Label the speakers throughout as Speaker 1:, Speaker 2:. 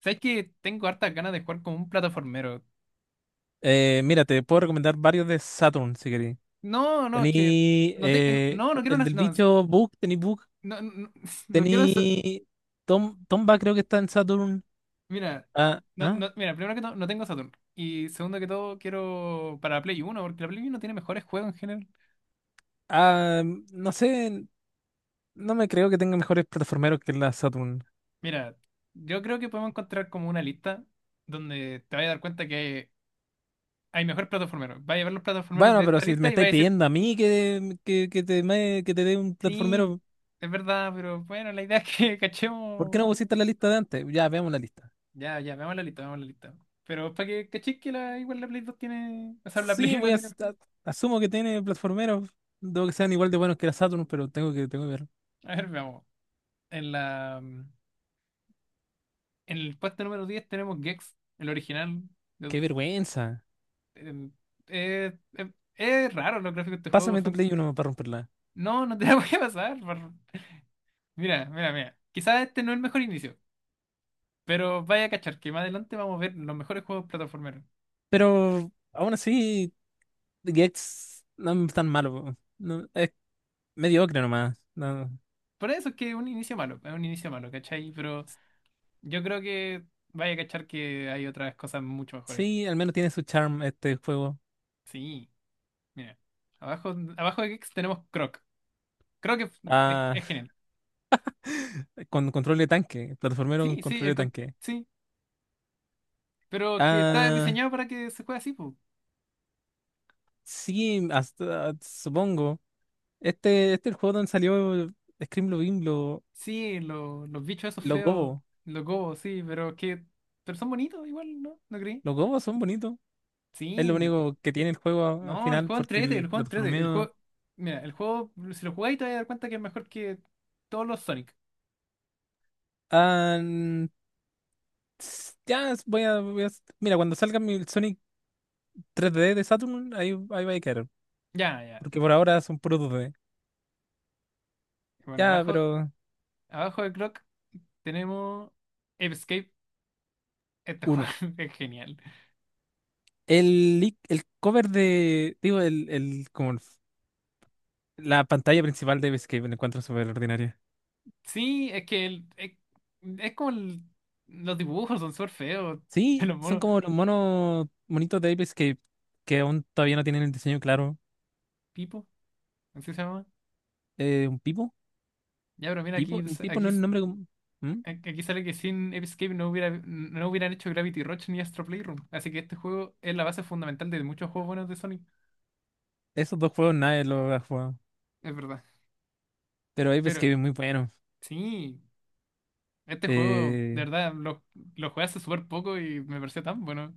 Speaker 1: ¿Sabes que tengo hartas ganas de jugar como un plataformero?
Speaker 2: Mira, te puedo recomendar varios de Saturn si queréis.
Speaker 1: No, no, es que
Speaker 2: Tení
Speaker 1: no, no quiero
Speaker 2: el
Speaker 1: una,
Speaker 2: del
Speaker 1: no,
Speaker 2: bicho Bug,
Speaker 1: no, no, no quiero eso.
Speaker 2: tení Tomba, creo que está en Saturn.
Speaker 1: Mira,
Speaker 2: Ah,
Speaker 1: no,
Speaker 2: ah,
Speaker 1: no, mira, primero que todo, no tengo Saturn. Y segundo que todo, quiero para Play 1 porque la Play 1 tiene mejores juegos en general.
Speaker 2: ah, no sé, no me creo que tenga mejores plataformeros que la Saturn.
Speaker 1: Mira, yo creo que podemos encontrar como una lista donde te vayas a dar cuenta que hay mejores plataformeros. Vaya a ver los plataformeros
Speaker 2: Bueno,
Speaker 1: de
Speaker 2: pero
Speaker 1: esta
Speaker 2: si me
Speaker 1: lista y vaya
Speaker 2: estáis
Speaker 1: a decir,
Speaker 2: pidiendo a mí que te dé un
Speaker 1: sí,
Speaker 2: plataformero,
Speaker 1: es verdad, pero bueno, la idea es que
Speaker 2: ¿por qué
Speaker 1: cachemos.
Speaker 2: no pusiste la lista de antes? Ya, veamos la lista.
Speaker 1: Ya, ya, veamos la lista, veamos la lista. Pero para que cachis que igual la Play 2 tiene. O sea, la
Speaker 2: Sí,
Speaker 1: Play 1 tiene.
Speaker 2: asumo que tiene plataformeros, debo que sean igual de buenos que la Saturn, pero tengo que ver.
Speaker 1: A ver, veamos. En la. En el puesto número 10 tenemos Gex, el original.
Speaker 2: ¡Qué
Speaker 1: Yo-
Speaker 2: vergüenza!
Speaker 1: em, Raro los gráficos de este juego.
Speaker 2: Pásame tu
Speaker 1: Son.
Speaker 2: Play uno para romperla.
Speaker 1: No, no te la voy a pasar. Mira, mira, mira. Quizás este no es el mejor inicio. Pero vaya a cachar que más adelante vamos a ver los mejores juegos plataformeros.
Speaker 2: Pero aún así, Gex no es tan malo, po. No, es mediocre nomás. No.
Speaker 1: Por eso es que es un inicio malo, es un inicio malo, ¿cachai? Pero yo creo que vaya a cachar que hay otras cosas mucho mejores.
Speaker 2: Sí, al menos tiene su charm este juego.
Speaker 1: Sí. Mira, abajo de Geeks tenemos Croc. Croc es, es-
Speaker 2: Ah,
Speaker 1: es genial.
Speaker 2: con control de tanque, plataformero con
Speaker 1: Sí, sí,
Speaker 2: control de tanque.
Speaker 1: sí, pero que está
Speaker 2: Ah,
Speaker 1: diseñado para que se juegue así, pues.
Speaker 2: sí, hasta, supongo. Este es el juego donde salió scream Screamlobin,
Speaker 1: Sí, los bichos esos
Speaker 2: los
Speaker 1: feos,
Speaker 2: gobos.
Speaker 1: los gobos, sí, pero son bonitos igual, ¿no? ¿No creí?
Speaker 2: Los gobos son bonitos. Es lo
Speaker 1: Sí,
Speaker 2: único que tiene el juego al
Speaker 1: no, el
Speaker 2: final,
Speaker 1: juego
Speaker 2: porque
Speaker 1: entrete,
Speaker 2: el
Speaker 1: el juego entrete, el
Speaker 2: plataformeo.
Speaker 1: juego, mira, el juego, si lo jugáis te vas a dar cuenta que es mejor que todos los Sonic.
Speaker 2: Ah, Ts- Ya es- voy a, voy a- Mira, cuando salga mi Sonic 3D de Saturn, ahí, ahí va a quedar.
Speaker 1: Ya, ya.
Speaker 2: Porque por ahora son puros 2D.
Speaker 1: Bueno,
Speaker 2: Ya,
Speaker 1: abajo,
Speaker 2: pero
Speaker 1: abajo de Croc tenemos Escape. Este juego
Speaker 2: uno.
Speaker 1: es genial.
Speaker 2: El cover de. Digo, como la pantalla principal de Ape Escape, me encuentro súper ordinaria.
Speaker 1: Sí, es que es como los dibujos son súper feos de
Speaker 2: Sí,
Speaker 1: los
Speaker 2: son
Speaker 1: monos.
Speaker 2: como los monos monitos de Ape Escape que aún todavía no tienen el diseño claro.
Speaker 1: Pipo, así se llama.
Speaker 2: ¿Un Pipo?
Speaker 1: Ya, pero mira,
Speaker 2: ¿Pipo? ¿Un Pipo no
Speaker 1: aquí,
Speaker 2: es el nombre? ¿Mm?
Speaker 1: aquí sale que sin Escape no hubieran hecho Gravity Rush ni Astro Playroom. Así que este juego es la base fundamental de muchos juegos buenos de Sonic.
Speaker 2: Esos dos juegos nadie los ha jugado.
Speaker 1: Es verdad.
Speaker 2: Pero Ape Escape
Speaker 1: Pero
Speaker 2: es muy bueno.
Speaker 1: sí, este juego,
Speaker 2: Eh,
Speaker 1: de verdad, lo jugué hace súper poco y me pareció tan bueno.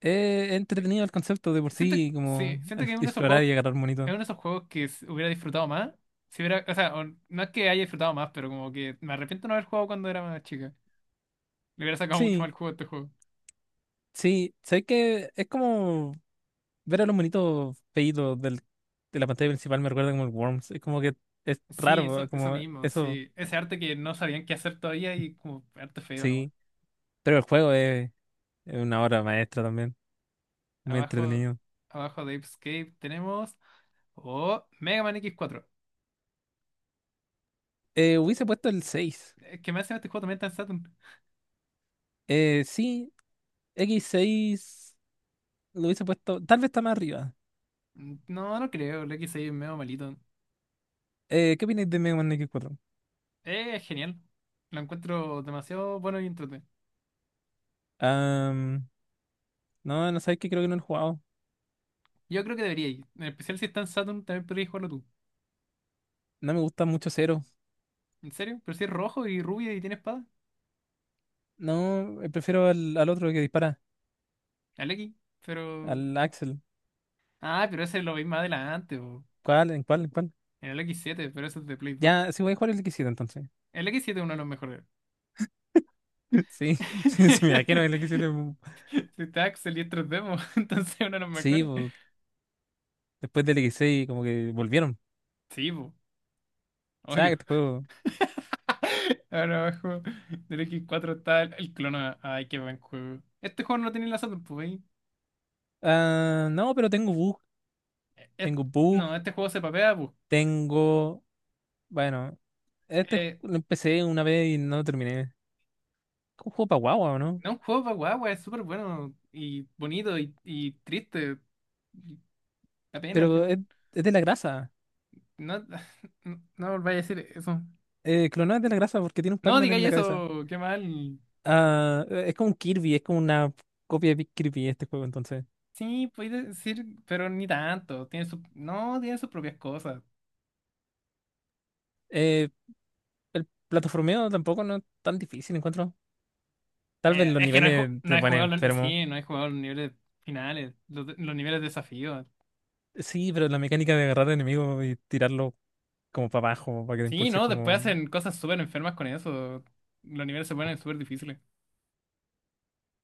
Speaker 2: entretenido el concepto de por
Speaker 1: Siento,
Speaker 2: sí,
Speaker 1: sí,
Speaker 2: como
Speaker 1: siento que es uno de esos
Speaker 2: explorar
Speaker 1: juegos,
Speaker 2: y agarrar
Speaker 1: es
Speaker 2: monitos.
Speaker 1: uno de esos juegos que s- hubiera disfrutado más. Si hubiera, o sea, no es que haya disfrutado más, pero como que me arrepiento de no haber jugado cuando era más chica. Le hubiera sacado mucho más
Speaker 2: Sí,
Speaker 1: el juego a este juego.
Speaker 2: sí, sé que es como ver a los monitos feitos de la pantalla principal me recuerda como el Worms. Es como que es
Speaker 1: Sí,
Speaker 2: raro,
Speaker 1: eso
Speaker 2: como
Speaker 1: mismo,
Speaker 2: eso,
Speaker 1: sí. Ese arte que no sabían qué hacer todavía y como arte feo nomás.
Speaker 2: sí. Pero el juego es una obra maestra también, muy
Speaker 1: Abajo,
Speaker 2: entretenido.
Speaker 1: abajo de Ape Escape tenemos. Oh, Mega Man X4.
Speaker 2: Hubiese puesto el 6.
Speaker 1: Es que me hace este juego también está en Saturn.
Speaker 2: Sí, X6 lo hubiese puesto, tal vez está más arriba.
Speaker 1: Mm, no, no creo, el X6 es medio malito.
Speaker 2: ¿Qué opináis de Mega Man X4?
Speaker 1: Es genial. Lo encuentro demasiado bueno y entretenido.
Speaker 2: Ah, no, no sabéis que creo que no lo he jugado.
Speaker 1: Yo creo que debería ir. En especial si está en Saturn, también podrías jugarlo tú.
Speaker 2: No me gusta mucho Zero.
Speaker 1: ¿En serio? Pero si es rojo y rubia y tiene espada.
Speaker 2: No, prefiero al otro que dispara,
Speaker 1: El X. Pero.
Speaker 2: al Axel.
Speaker 1: Ah, pero ese lo veis más adelante, po.
Speaker 2: ¿Cuál? ¿En cuál? ¿En cuál?
Speaker 1: En el X7, pero ese es de Play 2.
Speaker 2: Ya, sí voy a jugar el X7 entonces.
Speaker 1: El x siete es uno de los mejores.
Speaker 2: Sí, sí, sí, me imagino el X7.
Speaker 1: Si está Axel y es 3D, po, entonces es uno de los
Speaker 2: Sí,
Speaker 1: mejores.
Speaker 2: después del X6 como que volvieron.
Speaker 1: Sí, po.
Speaker 2: ¿Sabes
Speaker 1: Obvio.
Speaker 2: este juego?
Speaker 1: Ahora abajo del X4 está el clona. Ay, qué buen juego. Este juego no lo tenía en la Saturn, pues. ¿Veis?
Speaker 2: Ah, no, pero tengo bug.
Speaker 1: Eh, eh,
Speaker 2: Tengo bug.
Speaker 1: No, este juego se papea,
Speaker 2: Tengo. Bueno,
Speaker 1: pues.
Speaker 2: lo empecé una vez y no lo terminé. Es un juego para guagua, ¿o no?
Speaker 1: No, un juego para guagua, es súper bueno y bonito y triste. Y da pena al
Speaker 2: Pero
Speaker 1: final.
Speaker 2: es de la grasa.
Speaker 1: No, no, no volváis a decir eso.
Speaker 2: Clonó es de la grasa porque tiene un
Speaker 1: No
Speaker 2: Pac-Man en
Speaker 1: digáis
Speaker 2: la cabeza.
Speaker 1: eso, qué mal.
Speaker 2: Ah, es como un Kirby, es como una copia de Kirby este juego entonces.
Speaker 1: Sí, podéis decir, pero ni tanto. No, tiene sus propias cosas.
Speaker 2: Eh, el plataformeo tampoco no es tan difícil, encuentro. Tal vez los
Speaker 1: Es que
Speaker 2: niveles
Speaker 1: no
Speaker 2: te
Speaker 1: hay
Speaker 2: ponen
Speaker 1: jugado,
Speaker 2: enfermo.
Speaker 1: sí, no hay jugado los niveles finales, los niveles de desafío.
Speaker 2: Sí, pero la mecánica de agarrar al enemigo y tirarlo como para abajo, para que te
Speaker 1: Sí,
Speaker 2: impulse
Speaker 1: no, después
Speaker 2: como.
Speaker 1: hacen cosas súper enfermas con eso. Los niveles se ponen súper difíciles.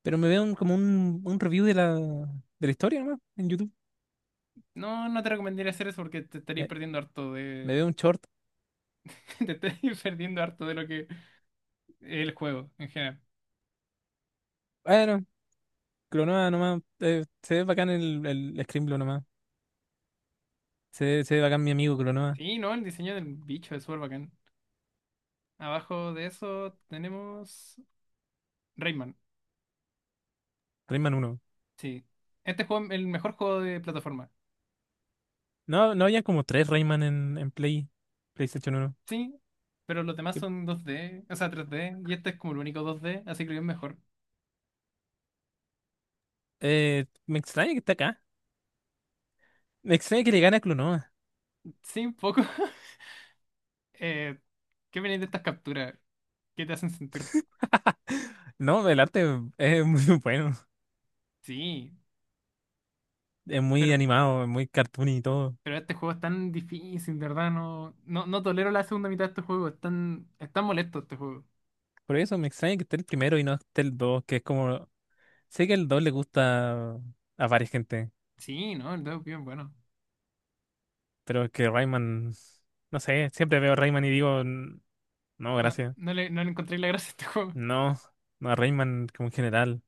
Speaker 2: Pero me veo como un review de la historia nomás en YouTube.
Speaker 1: No, no te recomendaría hacer eso porque te estarías
Speaker 2: Me,
Speaker 1: perdiendo harto
Speaker 2: me
Speaker 1: de.
Speaker 2: veo un short.
Speaker 1: Te estás perdiendo harto de lo que es el juego en general.
Speaker 2: Bueno, Clonoa nomás. Se ve bacán el Scrimblow nomás. Se ve bacán mi amigo Clonoa.
Speaker 1: Sí, no, el diseño del bicho es súper bacán. Abajo de eso tenemos Rayman.
Speaker 2: Rayman uno.
Speaker 1: Sí. Este juego es el mejor juego de plataforma.
Speaker 2: No, no había como tres Rayman en, PlayStation uno.
Speaker 1: Sí, pero los demás son 2D, o sea, 3D y este es como el único 2D, así que es mejor.
Speaker 2: Me extraña que está acá. Me extraña que le gane a Clonoa.
Speaker 1: Sí, un poco. Eh, ¿Qué viene de estas capturas? ¿Qué te hacen sentir?
Speaker 2: No, el arte es muy bueno,
Speaker 1: Sí,
Speaker 2: es muy
Speaker 1: pero,
Speaker 2: animado, es muy cartoon y todo.
Speaker 1: pero este juego es tan difícil, de verdad, no, no, no tolero la segunda mitad de este juego, es tan molesto este juego.
Speaker 2: Por eso me extraña que esté el primero y no esté el 2, que es como. Sé que el 2 le gusta a varias gente,
Speaker 1: Sí, no, el Dove bien bueno.
Speaker 2: pero es que Rayman. No sé, siempre veo Rayman y digo: No,
Speaker 1: No,
Speaker 2: gracias".
Speaker 1: no le encontré la gracia a este juego.
Speaker 2: No, no, Rayman como en general.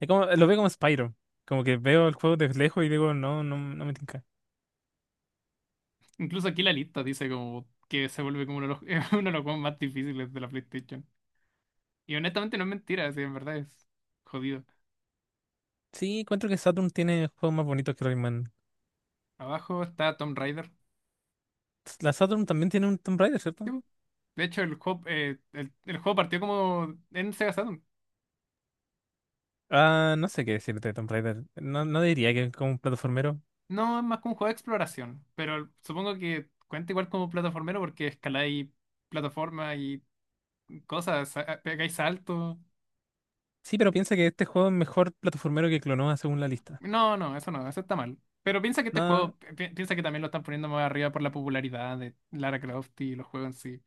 Speaker 2: Es como, lo veo como Spyro, como que veo el juego de lejos y digo, no, no, no me tinca.
Speaker 1: Incluso aquí la lista dice como que se vuelve como es uno de los juegos más difíciles de la PlayStation. Y honestamente no es mentira, sí, en verdad es jodido.
Speaker 2: Sí, encuentro que Saturn tiene juegos más bonitos que Rayman.
Speaker 1: Abajo está Tomb Raider.
Speaker 2: La Saturn también tiene un Tomb Raider,
Speaker 1: Sí,
Speaker 2: ¿cierto?
Speaker 1: po. De hecho, el juego partió como en Sega Saturn.
Speaker 2: Ah, no sé qué decirte de Tomb Raider. No, no diría que es como un plataformero.
Speaker 1: No es más que un juego de exploración, pero supongo que cuenta igual como plataformero porque escaláis plataforma y cosas, pegáis saltos.
Speaker 2: Sí, pero piensa que este juego es mejor plataformero que Clonoa según la lista.
Speaker 1: No, no, eso no, eso está mal. Pero piensa que este
Speaker 2: No,
Speaker 1: juego, pi- piensa que también lo están poniendo más arriba por la popularidad de Lara Croft y los juegos en sí.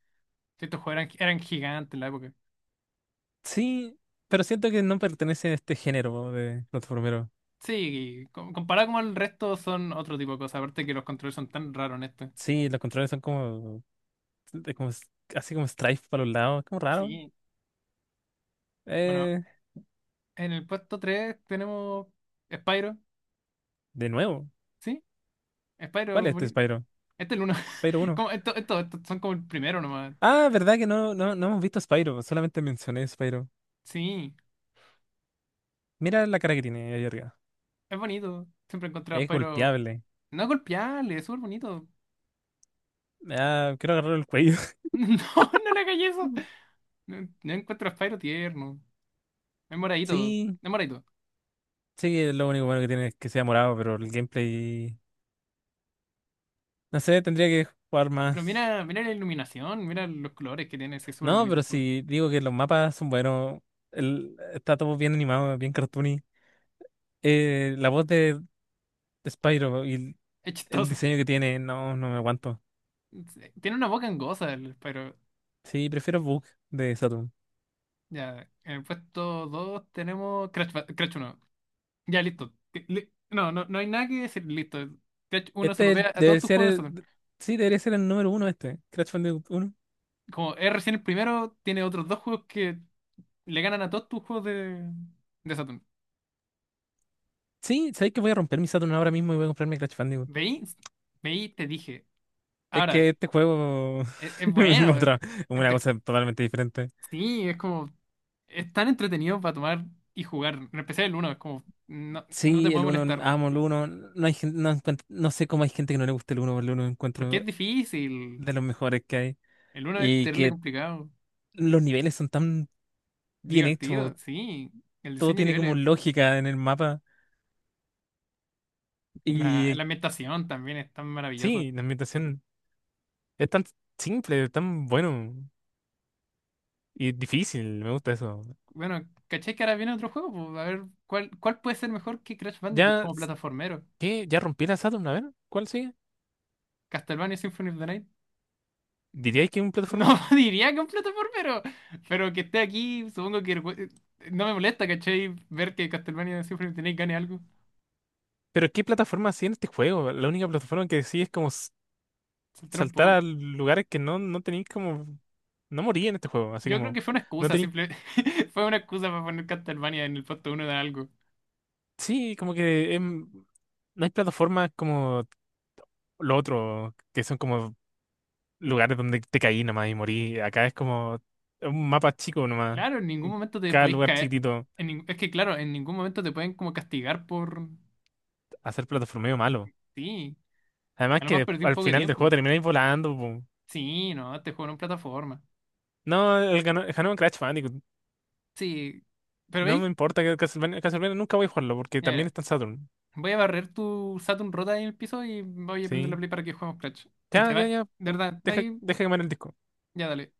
Speaker 1: Si estos juegos eran gigantes en la época.
Speaker 2: sí, pero siento que no pertenece a este género de plataformero.
Speaker 1: Sí, comparado con el resto son otro tipo de cosas, aparte que los controles son tan raros en este.
Speaker 2: Sí, los controles son como, de como s- así como strife para los lados, como raro.
Speaker 1: Sí. Bueno,
Speaker 2: Eh,
Speaker 1: en el puesto 3 tenemos Spyro,
Speaker 2: de nuevo,
Speaker 1: ¿sí? Spyro
Speaker 2: ¿cuál
Speaker 1: es
Speaker 2: es este
Speaker 1: bonito.
Speaker 2: Spyro?
Speaker 1: Este es el uno.
Speaker 2: Spyro uno.
Speaker 1: Como, esto son como el primero nomás.
Speaker 2: Ah, verdad que no, no, no hemos visto Spyro, solamente mencioné Spyro.
Speaker 1: Sí,
Speaker 2: Mira la cara que tiene ahí arriba.
Speaker 1: es bonito. Siempre he encontrado a
Speaker 2: Es
Speaker 1: Spyro.
Speaker 2: golpeable.
Speaker 1: No es golpeable, es súper bonito.
Speaker 2: Ah, quiero agarrar el cuello.
Speaker 1: No, no le hagáis eso. No, no encuentro a Spyro tierno. Es moradito,
Speaker 2: Sí.
Speaker 1: es moradito.
Speaker 2: Sí, lo único bueno que tiene es que sea morado, pero el gameplay. No sé, tendría que jugar
Speaker 1: Pero
Speaker 2: más.
Speaker 1: mira, mira la iluminación, mira los colores que tiene, sí, es súper
Speaker 2: No,
Speaker 1: bonito
Speaker 2: pero
Speaker 1: el juego.
Speaker 2: si digo que los mapas son buenos. Está todo bien animado, bien cartoony. La voz de Spyro y el,
Speaker 1: Es
Speaker 2: el
Speaker 1: chistoso.
Speaker 2: diseño que tiene, no, no me aguanto.
Speaker 1: Tiene una boca angosa el Spyro.
Speaker 2: Sí, prefiero Bug de Saturn.
Speaker 1: Ya, en el puesto 2 tenemos Crash, Crash 1. Ya, listo. No, no, no hay nada que decir, listo. Crash 1 se
Speaker 2: Este
Speaker 1: papea a todos
Speaker 2: debe
Speaker 1: tus
Speaker 2: ser
Speaker 1: juegos de Saturn.
Speaker 2: el. Sí, debería ser el número uno este, Crash Bandicoot uno.
Speaker 1: Como es recién el primero, tiene otros dos juegos que le ganan a todos tus juegos de Saturn.
Speaker 2: Sí, sabéis que voy a romper mi Saturn ahora mismo y voy a comprarme Crash Bandicoot.
Speaker 1: ¿Veis? ¿Veis? Te dije.
Speaker 2: Es
Speaker 1: Ahora,
Speaker 2: que este juego
Speaker 1: es
Speaker 2: es
Speaker 1: bueno.
Speaker 2: otra- una
Speaker 1: Este,
Speaker 2: cosa totalmente diferente.
Speaker 1: sí, es como, es tan entretenido para tomar y jugar. En especial el uno, es como, no, no te
Speaker 2: Sí, el
Speaker 1: puede
Speaker 2: uno,
Speaker 1: molestar.
Speaker 2: amo el uno. No sé cómo hay gente que no le gusta el uno, pero el uno
Speaker 1: Porque es
Speaker 2: encuentro
Speaker 1: difícil.
Speaker 2: de los mejores que hay.
Speaker 1: El uno es
Speaker 2: Y
Speaker 1: terrible
Speaker 2: que
Speaker 1: complicado.
Speaker 2: los niveles son tan bien hechos,
Speaker 1: Divertido, sí. El
Speaker 2: todo
Speaker 1: diseño de
Speaker 2: tiene como
Speaker 1: niveles,
Speaker 2: lógica en el mapa.
Speaker 1: la,
Speaker 2: Y
Speaker 1: la ambientación también es tan maravillosa.
Speaker 2: sí, la ambientación es tan simple, tan bueno y difícil, me gusta eso.
Speaker 1: Bueno, ¿cachai que ahora viene otro juego? Pues, a ver, ¿cuál puede ser mejor que Crash Bandicoot
Speaker 2: Ya,
Speaker 1: como plataformero?
Speaker 2: ¿qué? ¿Ya rompí la Saturn? A ver, ¿cuál sigue?
Speaker 1: ¿Castlevania Symphony of the Night?
Speaker 2: ¿Diríais que es un
Speaker 1: No
Speaker 2: plataformero?
Speaker 1: diría que un plataformero, pero que esté aquí, supongo que no me molesta, ¿cachai? Ver que Castlevania Symphony of the Night gane algo.
Speaker 2: ¿Pero qué plataforma sigue en este juego? La única plataforma que sigue es como
Speaker 1: Saltar un
Speaker 2: saltar
Speaker 1: poco.
Speaker 2: a lugares que no, no tenéis como. No morí en este juego, así
Speaker 1: Yo creo
Speaker 2: como.
Speaker 1: que fue una
Speaker 2: No
Speaker 1: excusa,
Speaker 2: tenéis.
Speaker 1: simple. Fue una excusa para poner Castlevania en el puesto uno de algo.
Speaker 2: Sí, como que. No hay plataformas como lo otro, que son como lugares donde te caí nomás y morí. Acá es como un mapa chico nomás.
Speaker 1: Claro, en ningún
Speaker 2: En
Speaker 1: momento te
Speaker 2: Cada
Speaker 1: podéis
Speaker 2: lugar
Speaker 1: caer.
Speaker 2: chiquitito.
Speaker 1: Es que, claro, en ningún momento te pueden como castigar por.
Speaker 2: Hacer plataformeo malo.
Speaker 1: Sí,
Speaker 2: Además
Speaker 1: a lo más
Speaker 2: que
Speaker 1: perdí un
Speaker 2: al
Speaker 1: poco de
Speaker 2: final del juego
Speaker 1: tiempo.
Speaker 2: termináis volando, po.
Speaker 1: Sí, no, te juego en plataforma.
Speaker 2: No, el ganó en Crash Bandicoot.
Speaker 1: Sí, pero
Speaker 2: No me
Speaker 1: veis,
Speaker 2: importa que Castlevania, Castlevania nunca voy a jugarlo porque
Speaker 1: Mira,
Speaker 2: también
Speaker 1: mira,
Speaker 2: está en Saturn.
Speaker 1: voy a barrer tu Saturn rota ahí en el piso y voy a prender la
Speaker 2: Sí.
Speaker 1: play para que juguemos Clash. Y
Speaker 2: Ya,
Speaker 1: te va.
Speaker 2: ya, ya.
Speaker 1: De verdad,
Speaker 2: Deja,
Speaker 1: ahí,
Speaker 2: deja quemar el disco.
Speaker 1: ya dale.